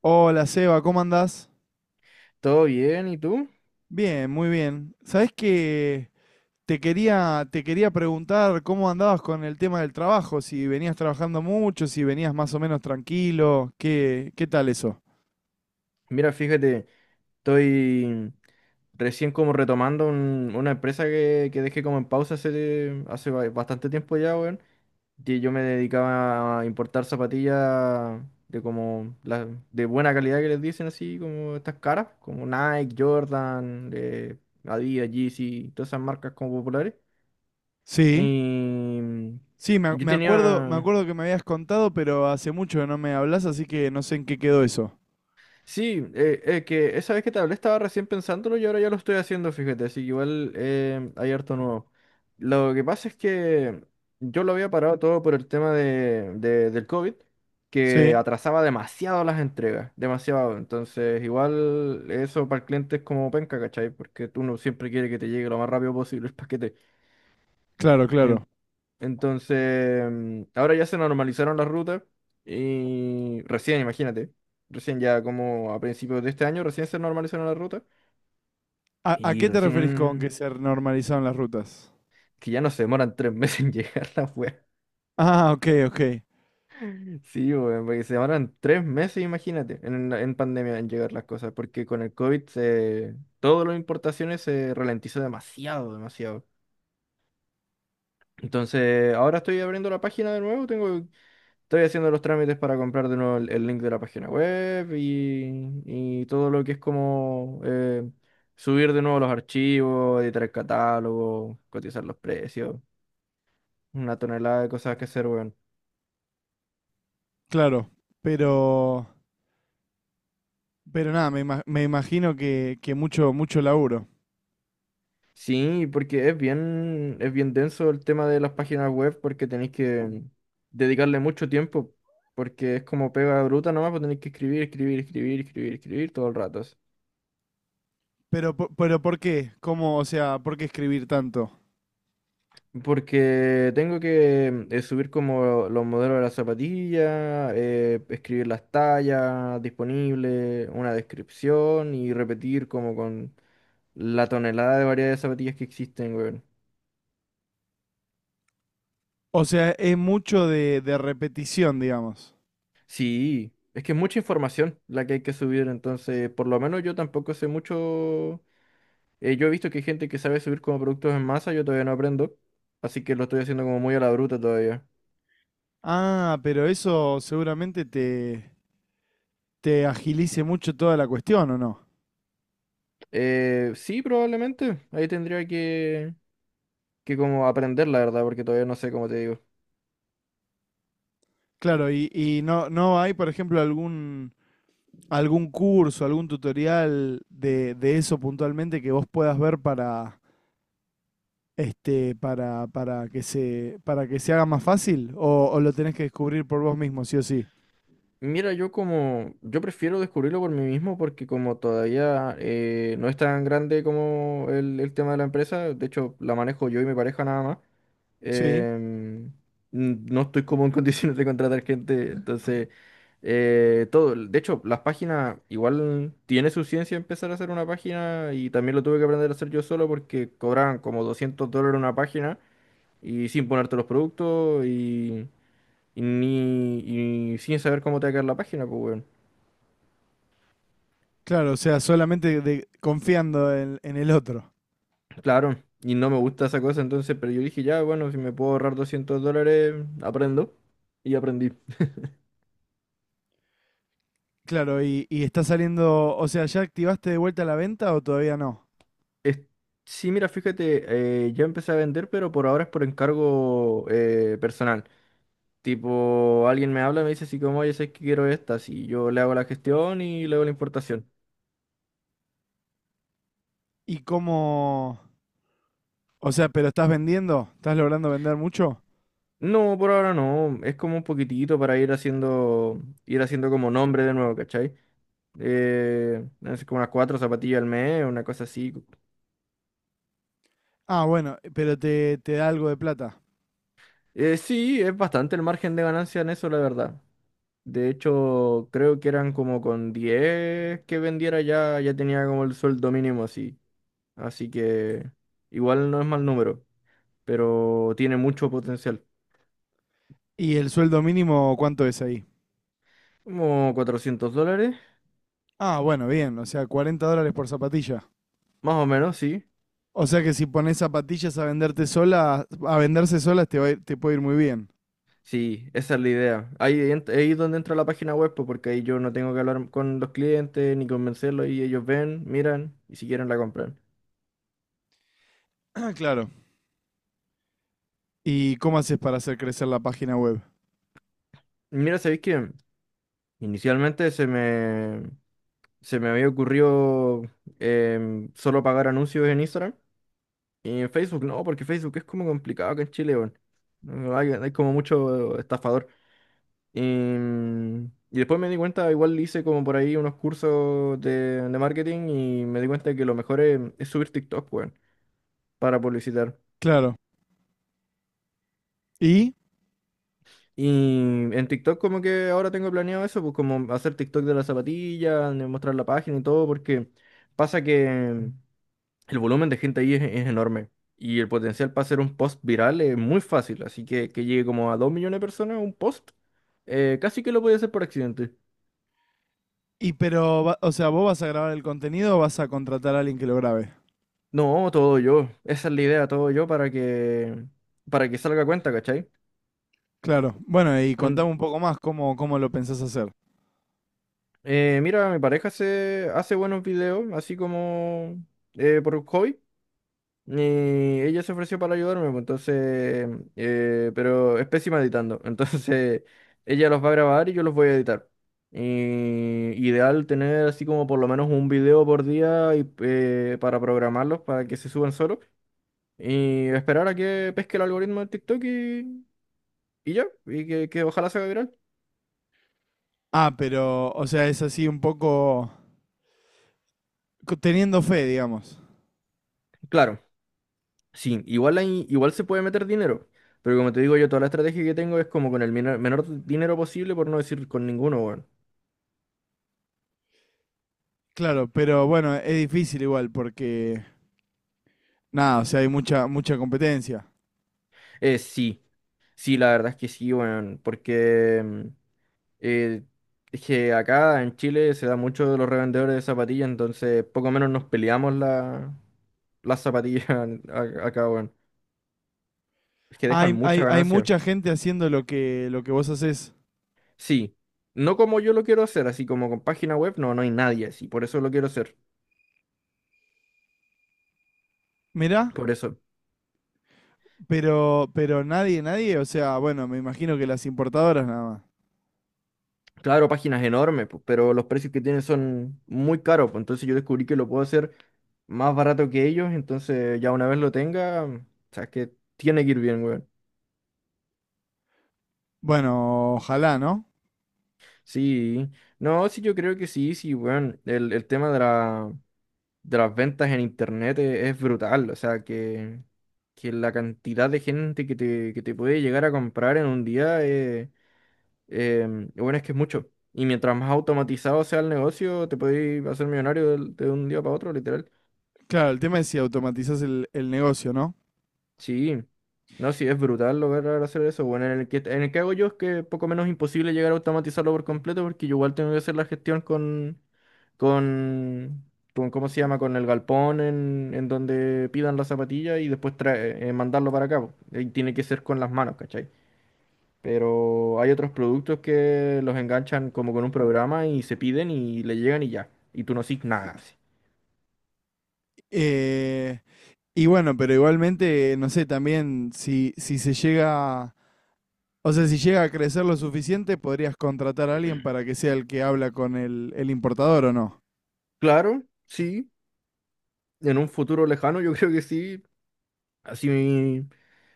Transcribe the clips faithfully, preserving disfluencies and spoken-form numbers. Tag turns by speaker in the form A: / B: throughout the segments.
A: Hola Seba, ¿cómo andás?
B: ¿Todo bien? ¿Y tú?
A: Bien, muy bien. Sabés que te quería, te quería preguntar cómo andabas con el tema del trabajo, si venías trabajando mucho, si venías más o menos tranquilo, ¿qué, qué tal eso?
B: Mira, fíjate, estoy recién como retomando un- una empresa que, que dejé como en pausa hace, hace ba- bastante tiempo ya, weón. Que yo me dedicaba a importar zapatillas de como la- de buena calidad que les dicen así, como estas caras, como Nike, Jordan, eh, Adidas, Yeezy, todas esas marcas como populares.
A: Sí. Sí, me,
B: Y
A: ac-
B: yo
A: me acuerdo, me
B: tenía.
A: acuerdo que me habías contado, pero hace mucho que no me hablas, así que no sé en qué quedó eso.
B: Sí, eh, eh, que esa vez que te hablé estaba recién pensándolo y ahora ya lo estoy haciendo, fíjate, así que igual eh, hay harto nuevo. Lo que pasa es que yo lo había parado todo por el tema de, de- del COVID, que
A: Sí,
B: atrasaba demasiado las entregas, demasiado. Entonces, igual eso para el cliente es como penca, ¿cachai? Porque tú no siempre quieres que te llegue lo más rápido posible el paquete.
A: claro, claro.
B: En- entonces, mm, ahora ya se normalizaron las rutas y recién, imagínate, recién ya como a principios de este año, recién se normalizaron las rutas
A: ¿A, a
B: y
A: qué te referís con que
B: recién
A: se normalizaron las rutas?
B: que ya no se demoran tres meses en llegar la wea.
A: Ah, ok, ok,
B: Sí, weón, porque se demoran tres meses, imagínate, en, la- en pandemia en llegar las cosas, porque con el COVID se, todas las importaciones se ralentizó demasiado, demasiado. Entonces, ahora estoy abriendo la página de nuevo. Tengo Estoy haciendo los trámites para comprar de nuevo el, el link de la página web y, y todo lo que es como eh, subir de nuevo los archivos, editar el catálogo, cotizar los precios, una tonelada de cosas que hacer, weón.
A: claro. Pero Pero nada, me, ima- me imagino que, que mucho, mucho laburo.
B: Sí, porque es bien, es bien denso el tema de las páginas web porque tenéis que dedicarle mucho tiempo, porque es como pega bruta nomás, pues tenéis que escribir, escribir, escribir, escribir, escribir todo el rato.
A: Pero, po- pero ¿por qué? ¿Cómo, o sea, por qué escribir tanto?
B: Porque tengo que eh, subir como los modelos de las zapatillas, eh, escribir las tallas disponibles, una descripción y repetir como con la tonelada de variedad de zapatillas que existen, weón.
A: O sea, es mucho de, de repetición, digamos.
B: Sí, es que es mucha información la que hay que subir, entonces por lo menos yo tampoco sé mucho. eh, yo he visto que hay gente que sabe subir como productos en masa, yo todavía no aprendo, así que lo estoy haciendo como muy a la bruta todavía.
A: Ah, pero eso seguramente te, te agilice mucho toda la cuestión, ¿o no?
B: Eh, sí, probablemente, ahí tendría que que como aprender, la verdad, porque todavía no sé cómo te digo.
A: Claro, y, y no, no hay, por ejemplo, algún, algún curso, algún tutorial de, de eso puntualmente que vos puedas ver para, este, para, para que se, ¿para que se haga más fácil? ¿O, o lo tenés que descubrir por vos mismo, sí o sí?
B: Mira, yo como, yo prefiero descubrirlo por mí mismo porque como todavía eh, no es tan grande como el, el tema de la empresa, de hecho la manejo yo y mi pareja nada más,
A: Sí,
B: em, n- no estoy como en condiciones de contratar gente, entonces eh, todo, de hecho las páginas igual tiene su ciencia empezar a hacer una página y también lo tuve que aprender a hacer yo solo porque cobraban como doscientos dólares una página y sin ponerte los productos. Y, ni, y sin saber cómo te va a quedar la página, pues, weón.
A: claro, o sea, solamente de- confiando en, en el otro.
B: Claro, y no me gusta esa cosa, entonces, pero yo dije, ya, bueno, si me puedo ahorrar doscientos dólares, aprendo. Y aprendí.
A: Claro, y, y está saliendo, o sea, ¿ya activaste de vuelta la venta o todavía no?
B: Es- sí, mira, fíjate, eh, ya empecé a vender, pero por ahora es por encargo eh, personal. Tipo, alguien me habla, me dice así como, oye, sé que quiero estas, y yo le hago la gestión y le hago la importación.
A: ¿Y cómo? O sea, ¿pero estás vendiendo? ¿Estás logrando vender mucho?
B: No, por ahora no, es como un poquitito para ir haciendo, ir haciendo como nombre de nuevo, ¿cachai? eh, no sé, como unas cuatro zapatillas al mes, una cosa así.
A: Ah, bueno, pero te, te da algo de plata.
B: Eh, sí, es bastante el margen de ganancia en eso, la verdad. De hecho, creo que eran como con diez que vendiera ya, ya tenía como el sueldo mínimo así. Así que igual no es mal número, pero tiene mucho potencial.
A: ¿Y el sueldo mínimo cuánto es ahí?
B: Como cuatrocientos dólares,
A: Ah, bueno, bien, o sea, cuarenta dólares por zapatilla.
B: más o menos, sí.
A: O sea que si pones zapatillas a venderte sola, a venderse solas te va a ir- te puede ir muy bien.
B: Sí, esa es la idea. Ahí, ent- ahí es donde entra la página web, pues, porque ahí yo no tengo que hablar con los clientes ni convencerlos y ellos ven, miran y si quieren la compran.
A: Ah, claro. ¿Y cómo haces para hacer crecer la página web?
B: Mira, sabéis que inicialmente se me, se me había ocurrido em, solo pagar anuncios en Instagram y en Facebook no, porque Facebook es como complicado acá en Chile, weón. No, Hay, hay como mucho estafador. Y, mm, y después me di cuenta, igual hice como por ahí unos cursos de, de marketing y me di cuenta que lo mejor es, es subir TikTok, weón, para publicitar.
A: Claro. ¿Y?
B: Y en TikTok como que ahora tengo planeado eso, pues como hacer TikTok de las zapatillas, de mostrar la página y todo, porque pasa que el volumen de gente ahí es, es enorme y el potencial para hacer un post viral es muy fácil, así que que llegue como a dos millones de personas un post, eh, casi que lo podía hacer por accidente.
A: Y pero, va- o sea, ¿vos vas a grabar el contenido o vas a contratar a alguien que lo grabe?
B: No, todo yo, esa es la idea, todo yo para que, para que salga a cuenta, ¿cachai?
A: Claro. Bueno, y
B: Ond-
A: contame un poco más cómo, cómo lo pensás hacer.
B: eh, mira, mi pareja hace, hace buenos videos, así como eh, por hobby. Y ella se ofreció para ayudarme, pues, entonces, eh, pero es pésima editando. Entonces, ella los va a grabar y yo los voy a editar. Y ideal tener así como por lo menos un video por día y, eh, para programarlos, para que se suban solos. Y esperar a que pesque el algoritmo de TikTok y, y ya, y que, que ojalá se haga viral.
A: Ah, pero, o sea, es así un poco co- teniendo fe, digamos.
B: Claro, sí, igual, hay- igual se puede meter dinero. Pero como te digo yo, toda la estrategia que tengo es como con el minor- menor dinero posible, por no decir con ninguno, weón.
A: Claro, pero bueno, es difícil igual porque, nada, o sea, hay mucha, mucha competencia.
B: Eh, sí. Sí, la verdad es que sí, weón, porque mm, eh, es que acá en Chile se da mucho de los revendedores de zapatillas, entonces poco menos nos peleamos la, las zapatillas a- acá, weón. Es que dejan
A: Hay, hay,
B: mucha
A: hay
B: ganancia.
A: mucha gente haciendo lo que, lo que vos haces.
B: Sí, no como yo lo quiero hacer, así como con página web, no, no hay nadie así, por eso lo quiero hacer,
A: Mirá,
B: por eso.
A: pero, pero nadie, nadie, o sea, bueno, me imagino que las importadoras nada más.
B: Claro, páginas enormes, pues. Pero los precios que tienen son muy caros, pues, entonces yo descubrí que lo puedo hacer más barato que ellos, entonces ya una vez lo tenga, o sea, es que tiene que ir bien, weón.
A: Bueno, ojalá, ¿no?
B: Sí, no, sí, yo creo que sí, sí, bueno, el, el tema de la, de las ventas en internet e- es, brutal, o sea, que, que la cantidad de gente que te, que te puede llegar a comprar en un día, eh, em, bueno, es que es mucho, y mientras más automatizado sea el negocio, te puedes hacer millonario del- de, un día para otro, literal.
A: Claro, el tema es si automatizás el, el negocio, ¿no?
B: Sí, no, sí, es brutal lograr hacer eso. Bueno, en el que, en el que hago yo es que poco menos imposible llegar a automatizarlo por completo porque yo igual tengo que hacer la gestión con, con, con ¿cómo se llama? Con el galpón en, en donde pidan la zapatilla y después trae- eh, mandarlo para acá. Po. Y tiene que ser con las manos, ¿cachai? Pero hay otros productos que los enganchan como con un programa y se piden y le llegan y ya. Y tú no haces nada. Así.
A: Eh, y bueno, pero igualmente, no sé, también si, si se llega, o sea, si llega a crecer lo suficiente, podrías contratar a alguien para que sea el que habla con el, el importador o no.
B: Claro, sí. En un futuro lejano yo creo que sí. Así me,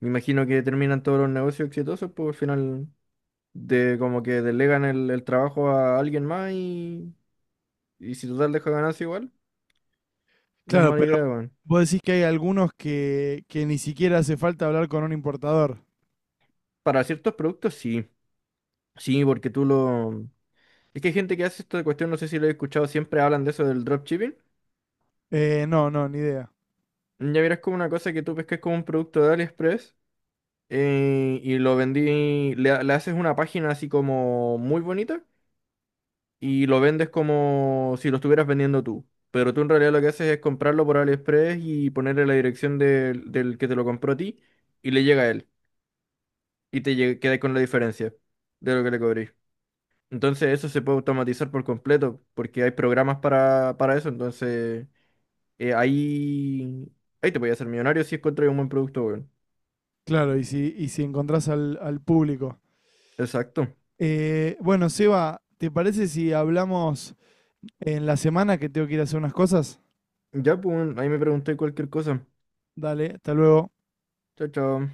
B: me imagino que terminan todos los negocios exitosos, pues al final de como que delegan el, el trabajo a alguien más y, y si total deja ganancia igual, no es
A: Claro,
B: mala
A: pero
B: idea, weón.
A: vos decís que hay algunos que, que ni siquiera hace falta hablar con un importador.
B: Para ciertos productos sí, sí, porque tú lo... Es que hay gente que hace esta cuestión, no sé si lo he escuchado, siempre hablan de eso del dropshipping.
A: Eh, no, no, ni idea.
B: Ya verás como una cosa que tú pescas como un producto de AliExpress eh, y lo vendí, le, le haces una página así como muy bonita, y lo vendes como si lo estuvieras vendiendo tú. Pero tú en realidad lo que haces es comprarlo por AliExpress y ponerle la dirección del, del que te lo compró a ti y le llega a él. Y te lle- quedas con la diferencia de lo que le cobrís. Entonces eso se puede automatizar por completo porque hay programas para, para eso. Entonces eh, ahí, ahí te voy a hacer millonario si encuentras un buen producto, weón.
A: Claro, y si, y si encontrás al, al público.
B: Exacto.
A: Eh, bueno, Seba, ¿te parece si hablamos en la semana que tengo que ir a hacer unas cosas?
B: Ya, pues, weón, ahí me pregunté cualquier cosa.
A: Dale, hasta luego.
B: Chao, chao.